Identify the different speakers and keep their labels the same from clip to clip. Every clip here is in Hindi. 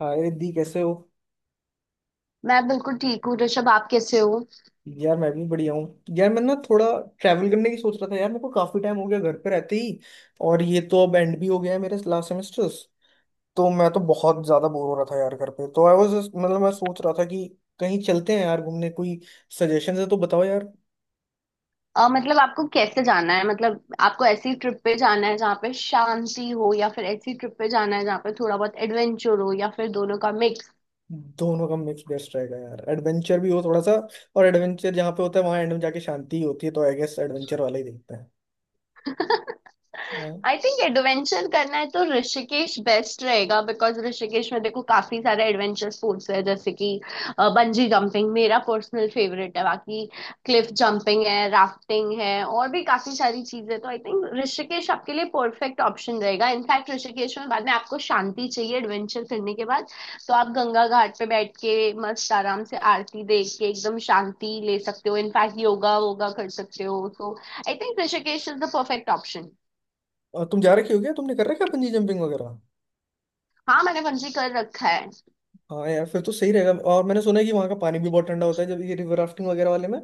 Speaker 1: हाय दी, कैसे हो।
Speaker 2: मैं बिल्कुल ठीक हूँ ऋषभ। आप कैसे हो?
Speaker 1: यार मैं भी बढ़िया हूँ यार। मैं ना थोड़ा ट्रैवल करने की सोच रहा था यार, मेरे को काफी टाइम हो गया घर पे रहते ही। और ये तो अब एंड भी हो गया है मेरे लास्ट सेमेस्टर्स। तो मैं तो बहुत ज्यादा बोर हो रहा था यार घर पे, तो आई वाज मतलब मैं सोच रहा था कि कहीं चलते हैं यार घूमने। कोई सजेशन है तो बताओ यार।
Speaker 2: मतलब आपको कैसे जाना है? मतलब आपको ऐसी ट्रिप पे जाना है जहाँ पे शांति हो, या फिर ऐसी ट्रिप पे जाना है जहाँ पे थोड़ा बहुत एडवेंचर हो, या फिर दोनों का मिक्स?
Speaker 1: दोनों का मिक्स बेस्ट रहेगा यार, एडवेंचर भी हो थोड़ा सा। और एडवेंचर जहाँ पे होता है वहाँ एंड में जाके शांति ही होती है, तो आई गेस एडवेंचर वाला ही देखते हैं। हाँ।
Speaker 2: आई थिंक एडवेंचर करना है तो ऋषिकेश बेस्ट रहेगा बिकॉज ऋषिकेश में देखो काफी सारे एडवेंचर स्पोर्ट्स है, जैसे कि बंजी जंपिंग मेरा पर्सनल फेवरेट है। बाकी क्लिफ जंपिंग है, राफ्टिंग है, और भी काफी सारी चीजें। तो आई थिंक ऋषिकेश आपके लिए परफेक्ट ऑप्शन रहेगा। इनफैक्ट ऋषिकेश में बाद में आपको शांति चाहिए एडवेंचर करने के बाद, तो आप गंगा घाट पे बैठ के मस्त आराम से आरती देख के एकदम शांति ले सकते हो। इनफैक्ट योगा वोगा कर सकते हो। तो I think Rishikesh is the perfect option.
Speaker 1: और तुम जा रखे हो क्या, तुमने कर रखा है बंजी जंपिंग वगैरह।
Speaker 2: हाँ, मैंने बंजी कर रखा है।
Speaker 1: हाँ यार, फिर तो सही रहेगा। और मैंने सुना है कि वहाँ का पानी भी बहुत ठंडा होता है जब ये रिवर राफ्टिंग वगैरह वाले में।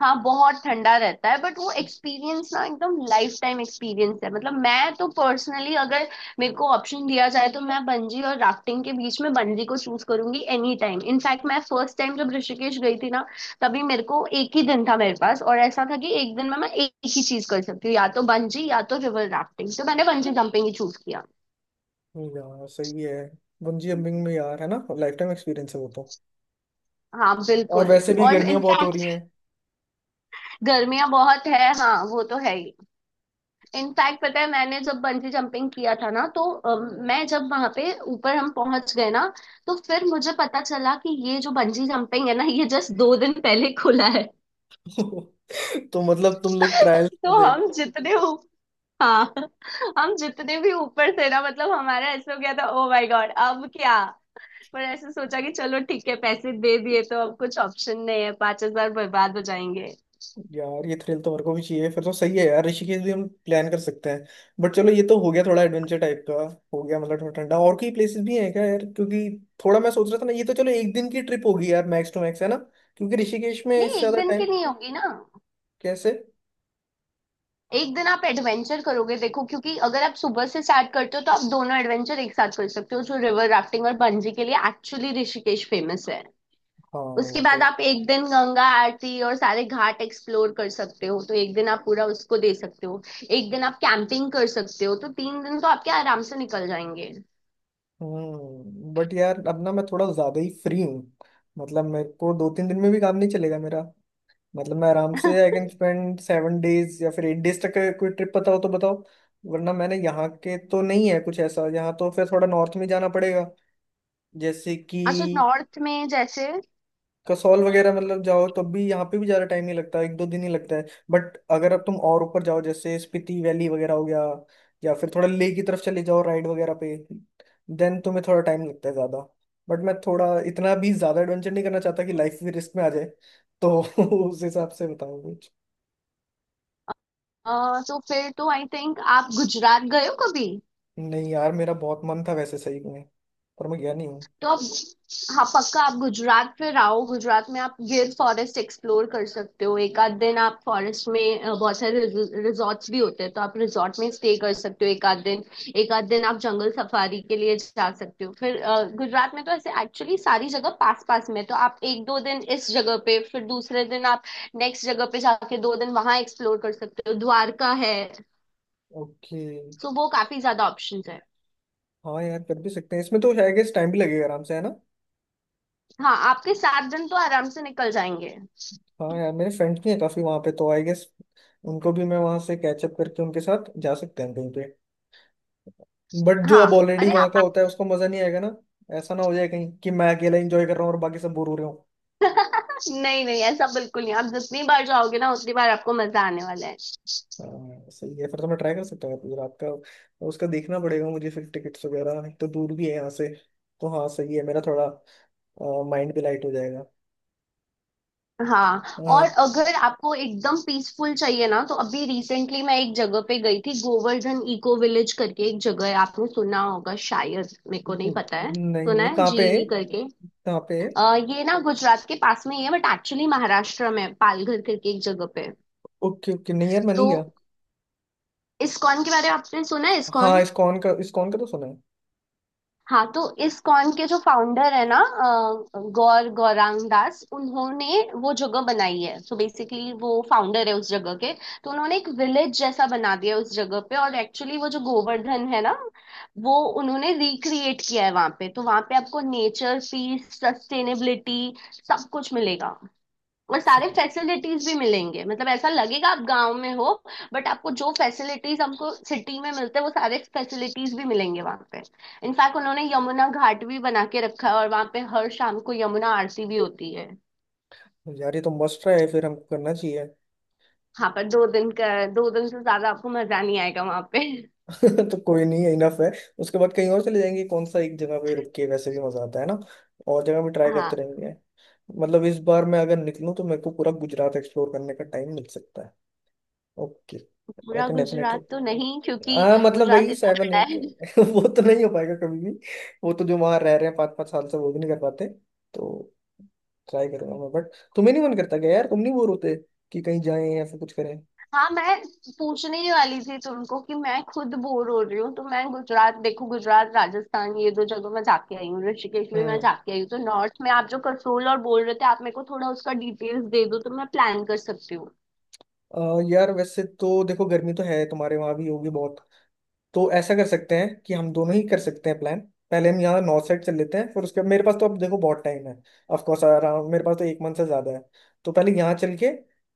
Speaker 2: हाँ बहुत ठंडा रहता है बट वो एक्सपीरियंस ना एकदम लाइफ टाइम एक्सपीरियंस है। मतलब मैं तो पर्सनली अगर मेरे को ऑप्शन दिया जाए तो मैं बंजी और राफ्टिंग के बीच में बंजी को चूज करूंगी एनी टाइम। इनफैक्ट मैं फर्स्ट टाइम जब ऋषिकेश गई थी ना तभी मेरे को एक ही दिन था मेरे पास, और ऐसा था कि एक दिन में मैं एक ही चीज कर सकती हूँ, या तो बंजी या तो रिवर राफ्टिंग, तो मैंने बंजी जंपिंग ही चूज किया।
Speaker 1: यार सही है। बंजी जंपिंग में यार, है ना, लाइफ टाइम एक्सपीरियंस है वो तो।
Speaker 2: हाँ
Speaker 1: और
Speaker 2: बिल्कुल।
Speaker 1: वैसे भी
Speaker 2: और
Speaker 1: गर्मियाँ बहुत हो
Speaker 2: इनफैक्ट
Speaker 1: रही हैं।
Speaker 2: गर्मियां बहुत है, हाँ वो तो है ही। इनफैक्ट पता है मैंने जब बंजी जंपिंग किया था ना तो मैं जब वहां पे ऊपर हम पहुंच गए ना तो फिर मुझे पता चला कि ये जो बंजी जंपिंग है ना, ये जस्ट 2 दिन पहले खुला है।
Speaker 1: तो मतलब तुम लोग ट्रायल
Speaker 2: तो
Speaker 1: दे।
Speaker 2: हम जितने ऊ- हाँ, हम जितने भी ऊपर थे ना, मतलब हमारा ऐसा हो गया था, ओ माय गॉड अब क्या? पर ऐसे सोचा कि चलो ठीक है, पैसे दे दिए तो अब कुछ ऑप्शन नहीं है, 5,000 बर्बाद हो जाएंगे।
Speaker 1: यार ये थ्रिल तो मेरे को भी चाहिए, फिर तो सही है यार, ऋषिकेश भी हम प्लान कर सकते हैं। बट चलो, ये तो हो गया थोड़ा एडवेंचर टाइप का, हो गया मतलब थोड़ा ठंडा। और कोई प्लेसेस भी हैं क्या यार, क्योंकि थोड़ा मैं सोच रहा था ना, ये तो चलो एक दिन की ट्रिप होगी यार, मैक्स टू मैक्स, है ना, क्योंकि ऋषिकेश में
Speaker 2: नहीं
Speaker 1: इससे
Speaker 2: एक
Speaker 1: ज्यादा
Speaker 2: दिन
Speaker 1: टाइम।
Speaker 2: की नहीं होगी ना।
Speaker 1: कैसे?
Speaker 2: एक दिन आप एडवेंचर करोगे, देखो क्योंकि अगर आप सुबह से स्टार्ट करते हो तो आप दोनों एडवेंचर एक साथ कर सकते हो, जो रिवर राफ्टिंग और बंजी के लिए एक्चुअली ऋषिकेश फेमस है।
Speaker 1: हाँ
Speaker 2: उसके
Speaker 1: वो तो।
Speaker 2: बाद आप एक दिन गंगा आरती और सारे घाट एक्सप्लोर कर सकते हो, तो एक दिन आप पूरा उसको दे सकते हो। एक दिन आप कैंपिंग कर सकते हो। तो 3 दिन तो आपके आराम से निकल जाएंगे।
Speaker 1: हम्म, बट यार अब ना मैं थोड़ा ज्यादा ही फ्री हूँ। मतलब मेरे को दो तीन दिन में भी काम नहीं चलेगा मेरा। मतलब मैं आराम से आई कैन स्पेंड 7 डेज या फिर 8 डेज तक का, कोई ट्रिप पता हो तो बताओ। वरना मैंने यहाँ के तो नहीं है कुछ ऐसा, यहाँ तो फिर थोड़ा नॉर्थ में जाना पड़ेगा, जैसे कि
Speaker 2: अच्छा, नॉर्थ में जैसे?
Speaker 1: कसौल वगैरह। मतलब जाओ तब भी यहाँ पे भी ज्यादा टाइम नहीं लगता, एक दो दिन ही लगता है। बट अगर अब तुम और ऊपर जाओ, जैसे स्पीति वैली वगैरह हो गया, या फिर थोड़ा लेह की तरफ चले जाओ राइड वगैरह पे, देन तुम्हें थोड़ा टाइम लगता है ज्यादा। बट मैं थोड़ा इतना भी ज्यादा एडवेंचर नहीं करना चाहता कि लाइफ भी रिस्क में आ जाए, तो उस हिसाब से बताऊँ कुछ।
Speaker 2: तो फिर तो आई थिंक आप गुजरात गए हो कभी?
Speaker 1: नहीं यार, मेरा बहुत मन था वैसे सही में, पर मैं गया नहीं हूँ।
Speaker 2: तो आप हाँ पक्का, आप गुजरात फिर आओ। गुजरात में आप गिर फॉरेस्ट एक्सप्लोर कर सकते हो, एक आध दिन आप फॉरेस्ट में। बहुत सारे रिजॉर्ट्स भी होते हैं तो आप रिजॉर्ट में स्टे कर सकते हो एक आध दिन। एक आध दिन आप जंगल सफारी के लिए जा सकते हो। फिर गुजरात में तो ऐसे एक्चुअली सारी जगह पास पास में है। तो आप एक दो दिन इस जगह पे, फिर दूसरे दिन आप नेक्स्ट जगह पे जाके 2 दिन वहां एक्सप्लोर कर सकते हो। द्वारका है,
Speaker 1: ओके।
Speaker 2: तो वो काफी ज्यादा ऑप्शंस है।
Speaker 1: हाँ यार, कर भी सकते हैं, इसमें तो आई गेस टाइम भी लगेगा आराम से, है ना।
Speaker 2: हाँ आपके 7 दिन तो आराम से निकल जाएंगे।
Speaker 1: हाँ यार, मेरे फ्रेंड्स भी हैं काफी वहां पे, तो आई गेस उनको भी मैं वहां से कैचअप करके उनके साथ जा सकते हैं कहीं पे। बट जो
Speaker 2: हाँ।
Speaker 1: अब ऑलरेडी
Speaker 2: अरे
Speaker 1: वहां
Speaker 2: आप,
Speaker 1: का होता है उसको मजा नहीं आएगा ना। ऐसा ना हो जाए कहीं कि मैं अकेला एंजॉय कर रहा हूँ और बाकी सब बोर हो रहे हो।
Speaker 2: नहीं नहीं, ऐसा बिल्कुल नहीं, आप जितनी बार जाओगे ना उतनी बार आपको मजा आने वाला है।
Speaker 1: हाँ सही है, फिर तो मैं ट्राई कर सकता हूँ गुजरात का। उसका देखना पड़ेगा मुझे फिर, टिकट्स वगैरह, एक तो दूर भी है यहाँ से। तो हाँ सही है, मेरा थोड़ा माइंड भी लाइट हो जाएगा।
Speaker 2: हाँ,
Speaker 1: अ,
Speaker 2: और अगर आपको एकदम पीसफुल चाहिए ना, तो अभी रिसेंटली मैं एक जगह पे गई थी, गोवर्धन इको विलेज करके एक जगह है, आपने सुना होगा शायद, मेरे को नहीं पता है
Speaker 1: नहीं
Speaker 2: सुना
Speaker 1: नहीं,
Speaker 2: है,
Speaker 1: कहाँ पे है,
Speaker 2: जीवी करके।
Speaker 1: कहाँ पे है।
Speaker 2: ये ना गुजरात के पास में ही है, बट एक्चुअली महाराष्ट्र में है, पालघर करके एक जगह पे है।
Speaker 1: ओके ओके, नहीं यार मैं
Speaker 2: तो
Speaker 1: नहीं गया।
Speaker 2: इस्कॉन के बारे में आपने सुना है? इस्कॉन।
Speaker 1: हाँ, इस्कॉन का, इस्कॉन का तो सुना
Speaker 2: हाँ, तो इस कॉन के जो फाउंडर है ना, गौरांग दास, उन्होंने वो जगह बनाई है। सो बेसिकली वो फाउंडर है उस जगह के। तो उन्होंने एक विलेज जैसा बना दिया है उस जगह पे, और एक्चुअली वो जो गोवर्धन है ना, वो उन्होंने रिक्रिएट किया है वहां पे। तो वहां पे आपको नेचर, पीस, सस्टेनेबिलिटी, सब कुछ मिलेगा। और सारे
Speaker 1: है।
Speaker 2: फैसिलिटीज भी मिलेंगे, मतलब ऐसा लगेगा आप गांव में हो, बट आपको जो फैसिलिटीज हमको सिटी में मिलते हैं वो सारे फैसिलिटीज भी मिलेंगे वहां पे। इनफैक्ट उन्होंने यमुना घाट भी बना के रखा है, और वहां पे हर शाम को यमुना आरती भी होती है।
Speaker 1: यार ये तो मस्ट है, फिर हमको करना चाहिए।
Speaker 2: हाँ पर 2 दिन का, 2 दिन से ज्यादा आपको मजा नहीं आएगा वहां पे।
Speaker 1: तो कोई नहीं, है इनफ है, उसके बाद कहीं और चले जाएंगे, कौन सा एक जगह पे रुक के वैसे भी मजा आता है ना, और जगह भी ट्राई करते
Speaker 2: हाँ।
Speaker 1: रहेंगे। मतलब इस बार मैं अगर निकलूं तो मेरे को पूरा गुजरात एक्सप्लोर करने का टाइम मिल सकता है। ओके, आई
Speaker 2: पूरा
Speaker 1: कैन डेफिनेटली।
Speaker 2: गुजरात तो नहीं, क्योंकि
Speaker 1: हाँ मतलब,
Speaker 2: गुजरात
Speaker 1: वही
Speaker 2: इतना
Speaker 1: सेवन
Speaker 2: बड़ा
Speaker 1: एट
Speaker 2: है।
Speaker 1: वो तो नहीं हो पाएगा कभी भी। वो तो जो वहां रह रहे हैं पाँच पाँच साल से वो भी नहीं कर पाते तो। ट्राई करूंगा मैं, बट तुम्हें नहीं मन करता क्या यार, तुम नहीं बोर होते कि कहीं जाएं या फिर कुछ करें।
Speaker 2: हाँ, मैं पूछने ही वाली थी तुमको कि मैं खुद बोर हो रही हूँ। तो मैं गुजरात, देखो गुजरात राजस्थान ये दो जगह मैं जाके आई हूँ, ऋषिकेश भी मैं
Speaker 1: हम्म।
Speaker 2: जाके आई हूँ, तो नॉर्थ में आप जो कसोल और बोल रहे थे, आप मेरे को थोड़ा उसका डिटेल्स दे दो तो मैं प्लान कर सकती हूँ।
Speaker 1: अ, यार वैसे तो देखो, गर्मी तो है, तुम्हारे वहां भी होगी बहुत। तो ऐसा कर सकते हैं कि हम दोनों ही कर सकते हैं प्लान। पहले हम यहाँ नॉर्थ साइड चल लेते हैं, फिर उसके, मेरे पास तो अब देखो बहुत टाइम है, ऑफ कोर्स अराउंड मेरे पास तो एक मंथ से ज्यादा है। तो पहले यहाँ चल के,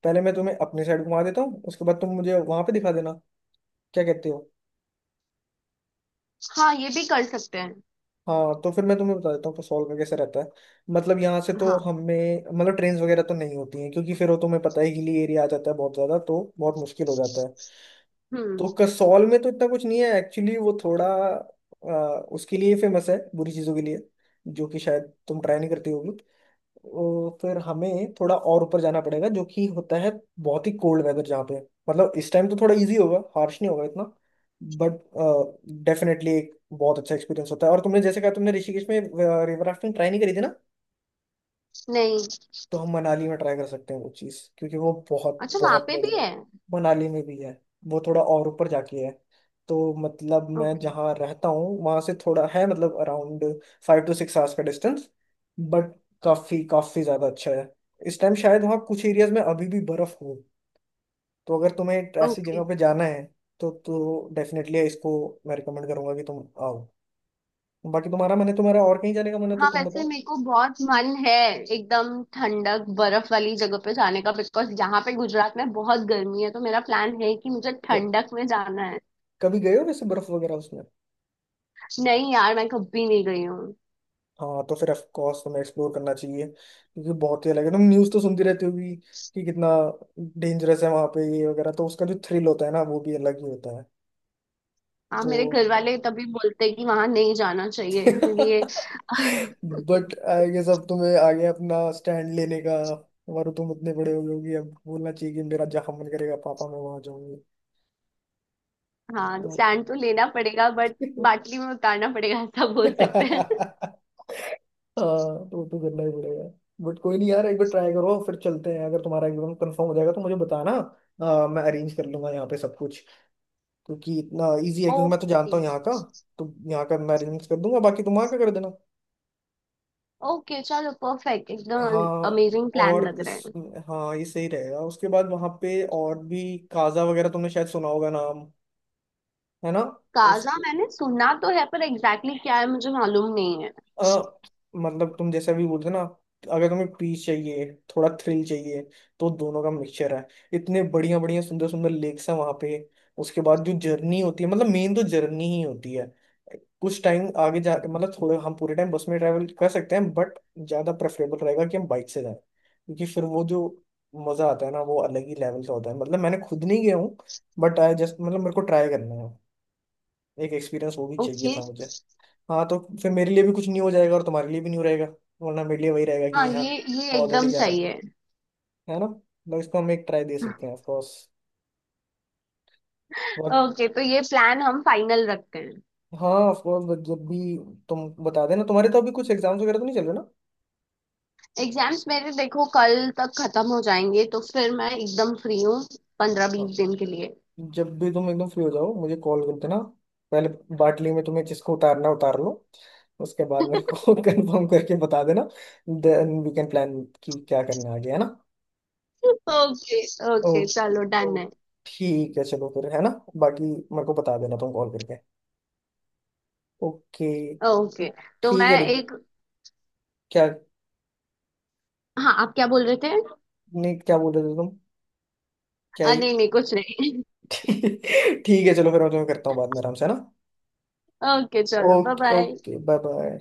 Speaker 1: पहले मैं तुम्हें अपनी साइड घुमा देता हूँ, उसके बाद तुम मुझे वहां पे दिखा देना। क्या कहते हो?
Speaker 2: हाँ, ये भी कर सकते हैं।
Speaker 1: हाँ तो फिर मैं तुम्हें बता देता हूँ कसौल का कैसे रहता है। मतलब यहाँ से तो
Speaker 2: हाँ।
Speaker 1: हमें मतलब ट्रेन वगैरह तो नहीं होती हैं, क्योंकि फिर वो तुम्हें पता है, हिली एरिया आ जाता है बहुत ज्यादा, तो बहुत मुश्किल हो जाता है।
Speaker 2: हम्म।
Speaker 1: तो कसौल में तो इतना कुछ नहीं है एक्चुअली, वो थोड़ा उसके लिए फेमस है बुरी चीजों के लिए, जो कि शायद तुम ट्राई नहीं करती होगी। तो फिर हमें थोड़ा और ऊपर जाना पड़ेगा, जो कि होता है बहुत ही कोल्ड वेदर जहाँ पे। मतलब इस टाइम तो थोड़ा इजी होगा, हार्श नहीं होगा इतना, बट डेफिनेटली एक बहुत अच्छा एक्सपीरियंस होता है। और तुमने जैसे कहा, तुमने ऋषिकेश में रिवर राफ्टिंग ट्राई नहीं करी थी ना,
Speaker 2: नहीं।
Speaker 1: तो हम मनाली में ट्राई कर सकते हैं वो चीज़, क्योंकि वो बहुत
Speaker 2: अच्छा, वहाँ
Speaker 1: बहुत
Speaker 2: पे भी
Speaker 1: बढ़िया है।
Speaker 2: है?
Speaker 1: मनाली में भी है, वो थोड़ा और ऊपर जाके है। तो मतलब मैं
Speaker 2: ओके,
Speaker 1: जहाँ रहता हूँ वहाँ से थोड़ा है, मतलब अराउंड 5-6 आवर्स का डिस्टेंस, बट काफ़ी काफ़ी ज़्यादा अच्छा है। इस टाइम शायद वहाँ कुछ एरियाज में अभी भी बर्फ़ हो, तो अगर तुम्हें ऐसी
Speaker 2: ओके।
Speaker 1: जगह पे जाना है तो डेफिनेटली इसको मैं रिकमेंड करूंगा कि तुम आओ। बाकी तुम्हारा मन है, तुम्हारा और कहीं जाने का मन है तो
Speaker 2: हाँ,
Speaker 1: तुम
Speaker 2: वैसे
Speaker 1: बताओ।
Speaker 2: मेरे को बहुत मन है एकदम ठंडक बर्फ वाली जगह पे जाने का, बिकॉज यहाँ पे गुजरात में बहुत गर्मी है, तो मेरा प्लान है कि मुझे
Speaker 1: क-
Speaker 2: ठंडक में जाना है।
Speaker 1: कभी गए हो वैसे बर्फ़ वगैरह उसमें?
Speaker 2: नहीं यार, मैं कभी नहीं गई हूँ।
Speaker 1: हाँ तो फिर ऑफ कोर्स तुम्हें एक्सप्लोर करना चाहिए, क्योंकि बहुत ही अलग है। तुम न्यूज़ तो सुनती रहती होगी कि कितना डेंजरस है वहां पे ये वगैरह, तो उसका जो थ्रिल होता है ना, वो भी अलग ही होता है।
Speaker 2: हाँ, मेरे घर
Speaker 1: तो
Speaker 2: वाले तभी बोलते हैं कि वहां नहीं जाना चाहिए, इसलिए।
Speaker 1: बट आई गेस अब तुम्हें आगे अपना स्टैंड लेने का, और तुम इतने बड़े हो गए होगे, अब बोलना चाहिए कि मेरा जहाँ मन करेगा पापा मैं वहां जाऊंगी।
Speaker 2: हाँ
Speaker 1: तो
Speaker 2: स्टैंड तो लेना पड़ेगा, बट बाटली में उतारना पड़ेगा, ऐसा बोल सकते हैं।
Speaker 1: हाँ, वो तो करना ही पड़ेगा। बट कोई नहीं यार, एक बार ट्राई करो, फिर चलते हैं। अगर तुम्हारा एग्जाम कंफर्म हो जाएगा तो मुझे बताना, मैं अरेंज कर लूंगा यहाँ पे सब कुछ, क्योंकि इतना इजी है, क्योंकि मैं तो
Speaker 2: ओके।
Speaker 1: जानता हूँ यहाँ का। तो यहाँ का मैं अरेंज कर दूंगा, बाकी तुम वहाँ का कर देना।
Speaker 2: ओके चलो, परफेक्ट, एकदम
Speaker 1: हाँ,
Speaker 2: अमेजिंग प्लान
Speaker 1: और
Speaker 2: लग रहा
Speaker 1: इस,
Speaker 2: है।
Speaker 1: हाँ ये सही रहेगा। उसके बाद वहाँ पे और भी काजा वगैरह तुमने शायद सुना होगा नाम, है ना। उस,
Speaker 2: काजा मैंने सुना तो है, पर एग्जैक्टली क्या है मुझे मालूम नहीं है।
Speaker 1: अ, मतलब तुम जैसे अभी बोलते ना, अगर तुम्हें पीस चाहिए, थोड़ा थ्रिल चाहिए, तो दोनों का मिक्सचर है। इतने बढ़िया बढ़िया सुंदर सुंदर लेक्स हैं वहां पे। उसके बाद जो जर्नी होती है, मतलब मेन तो जर्नी ही होती है। कुछ टाइम आगे जा मतलब, थोड़े हम पूरे टाइम बस में ट्रैवल कर सकते हैं, बट ज्यादा प्रेफरेबल रहेगा कि हम बाइक से जाएं, क्योंकि फिर वो जो मजा आता है ना वो अलग ही लेवल का होता है। मतलब मैंने खुद नहीं गया हूँ, बट आई जस्ट मतलब मेरे को ट्राई करना है, एक एक्सपीरियंस वो भी चाहिए
Speaker 2: ओके।
Speaker 1: था। हाँ तो फिर मेरे लिए भी कुछ नहीं हो जाएगा और तुम्हारे लिए भी नहीं हो रहेगा, वरना मेरे लिए वही रहेगा
Speaker 2: हाँ
Speaker 1: कि हाँ
Speaker 2: ये
Speaker 1: ऑलरेडी
Speaker 2: एकदम
Speaker 1: जा रहा
Speaker 2: सही है।
Speaker 1: है ना। मतलब इसको हम एक ट्राई दे सकते हैं ऑफकोर्स, बट
Speaker 2: ओके, तो ये प्लान हम फाइनल रखते हैं।
Speaker 1: हाँ ऑफकोर्स। बट जब भी तुम बता देना, तुम्हारे तो अभी कुछ एग्जाम्स वगैरह तो नहीं चल रहे ना।
Speaker 2: एग्जाम्स मेरे देखो कल तक खत्म हो जाएंगे, तो फिर मैं एकदम फ्री हूँ, पंद्रह
Speaker 1: हाँ,
Speaker 2: बीस दिन के लिए।
Speaker 1: जब भी तुम एकदम फ्री हो जाओ मुझे कॉल कर देना। पहले बाटली में तुम्हें जिसको उतारना है, उतार लो, उसके बाद मेरे को कंफर्म करके बता देना। देन वी कैन प्लान कि क्या करना आगे, है ना।
Speaker 2: ओके। ओके
Speaker 1: ओके,
Speaker 2: चलो, डन है।
Speaker 1: ओके, ठीक है, चलो फिर, है ना। बाकी मेरे को बता देना, तुम कॉल करके। ओके,
Speaker 2: ओके,
Speaker 1: ठीक,
Speaker 2: तो
Speaker 1: ठीक
Speaker 2: मैं
Speaker 1: है रिद्धि।
Speaker 2: एक,
Speaker 1: क्या?
Speaker 2: हाँ आप क्या बोल रहे थे?
Speaker 1: नहीं, क्या बोल रहे थे तुम? क्या एक?
Speaker 2: नहीं नहीं कुछ नहीं।
Speaker 1: ठीक है चलो, फिर मैं तुम्हें करता हूँ बाद में आराम से, है ना।
Speaker 2: ओके चलो, bye
Speaker 1: okay,
Speaker 2: bye.
Speaker 1: Okay, bye bye.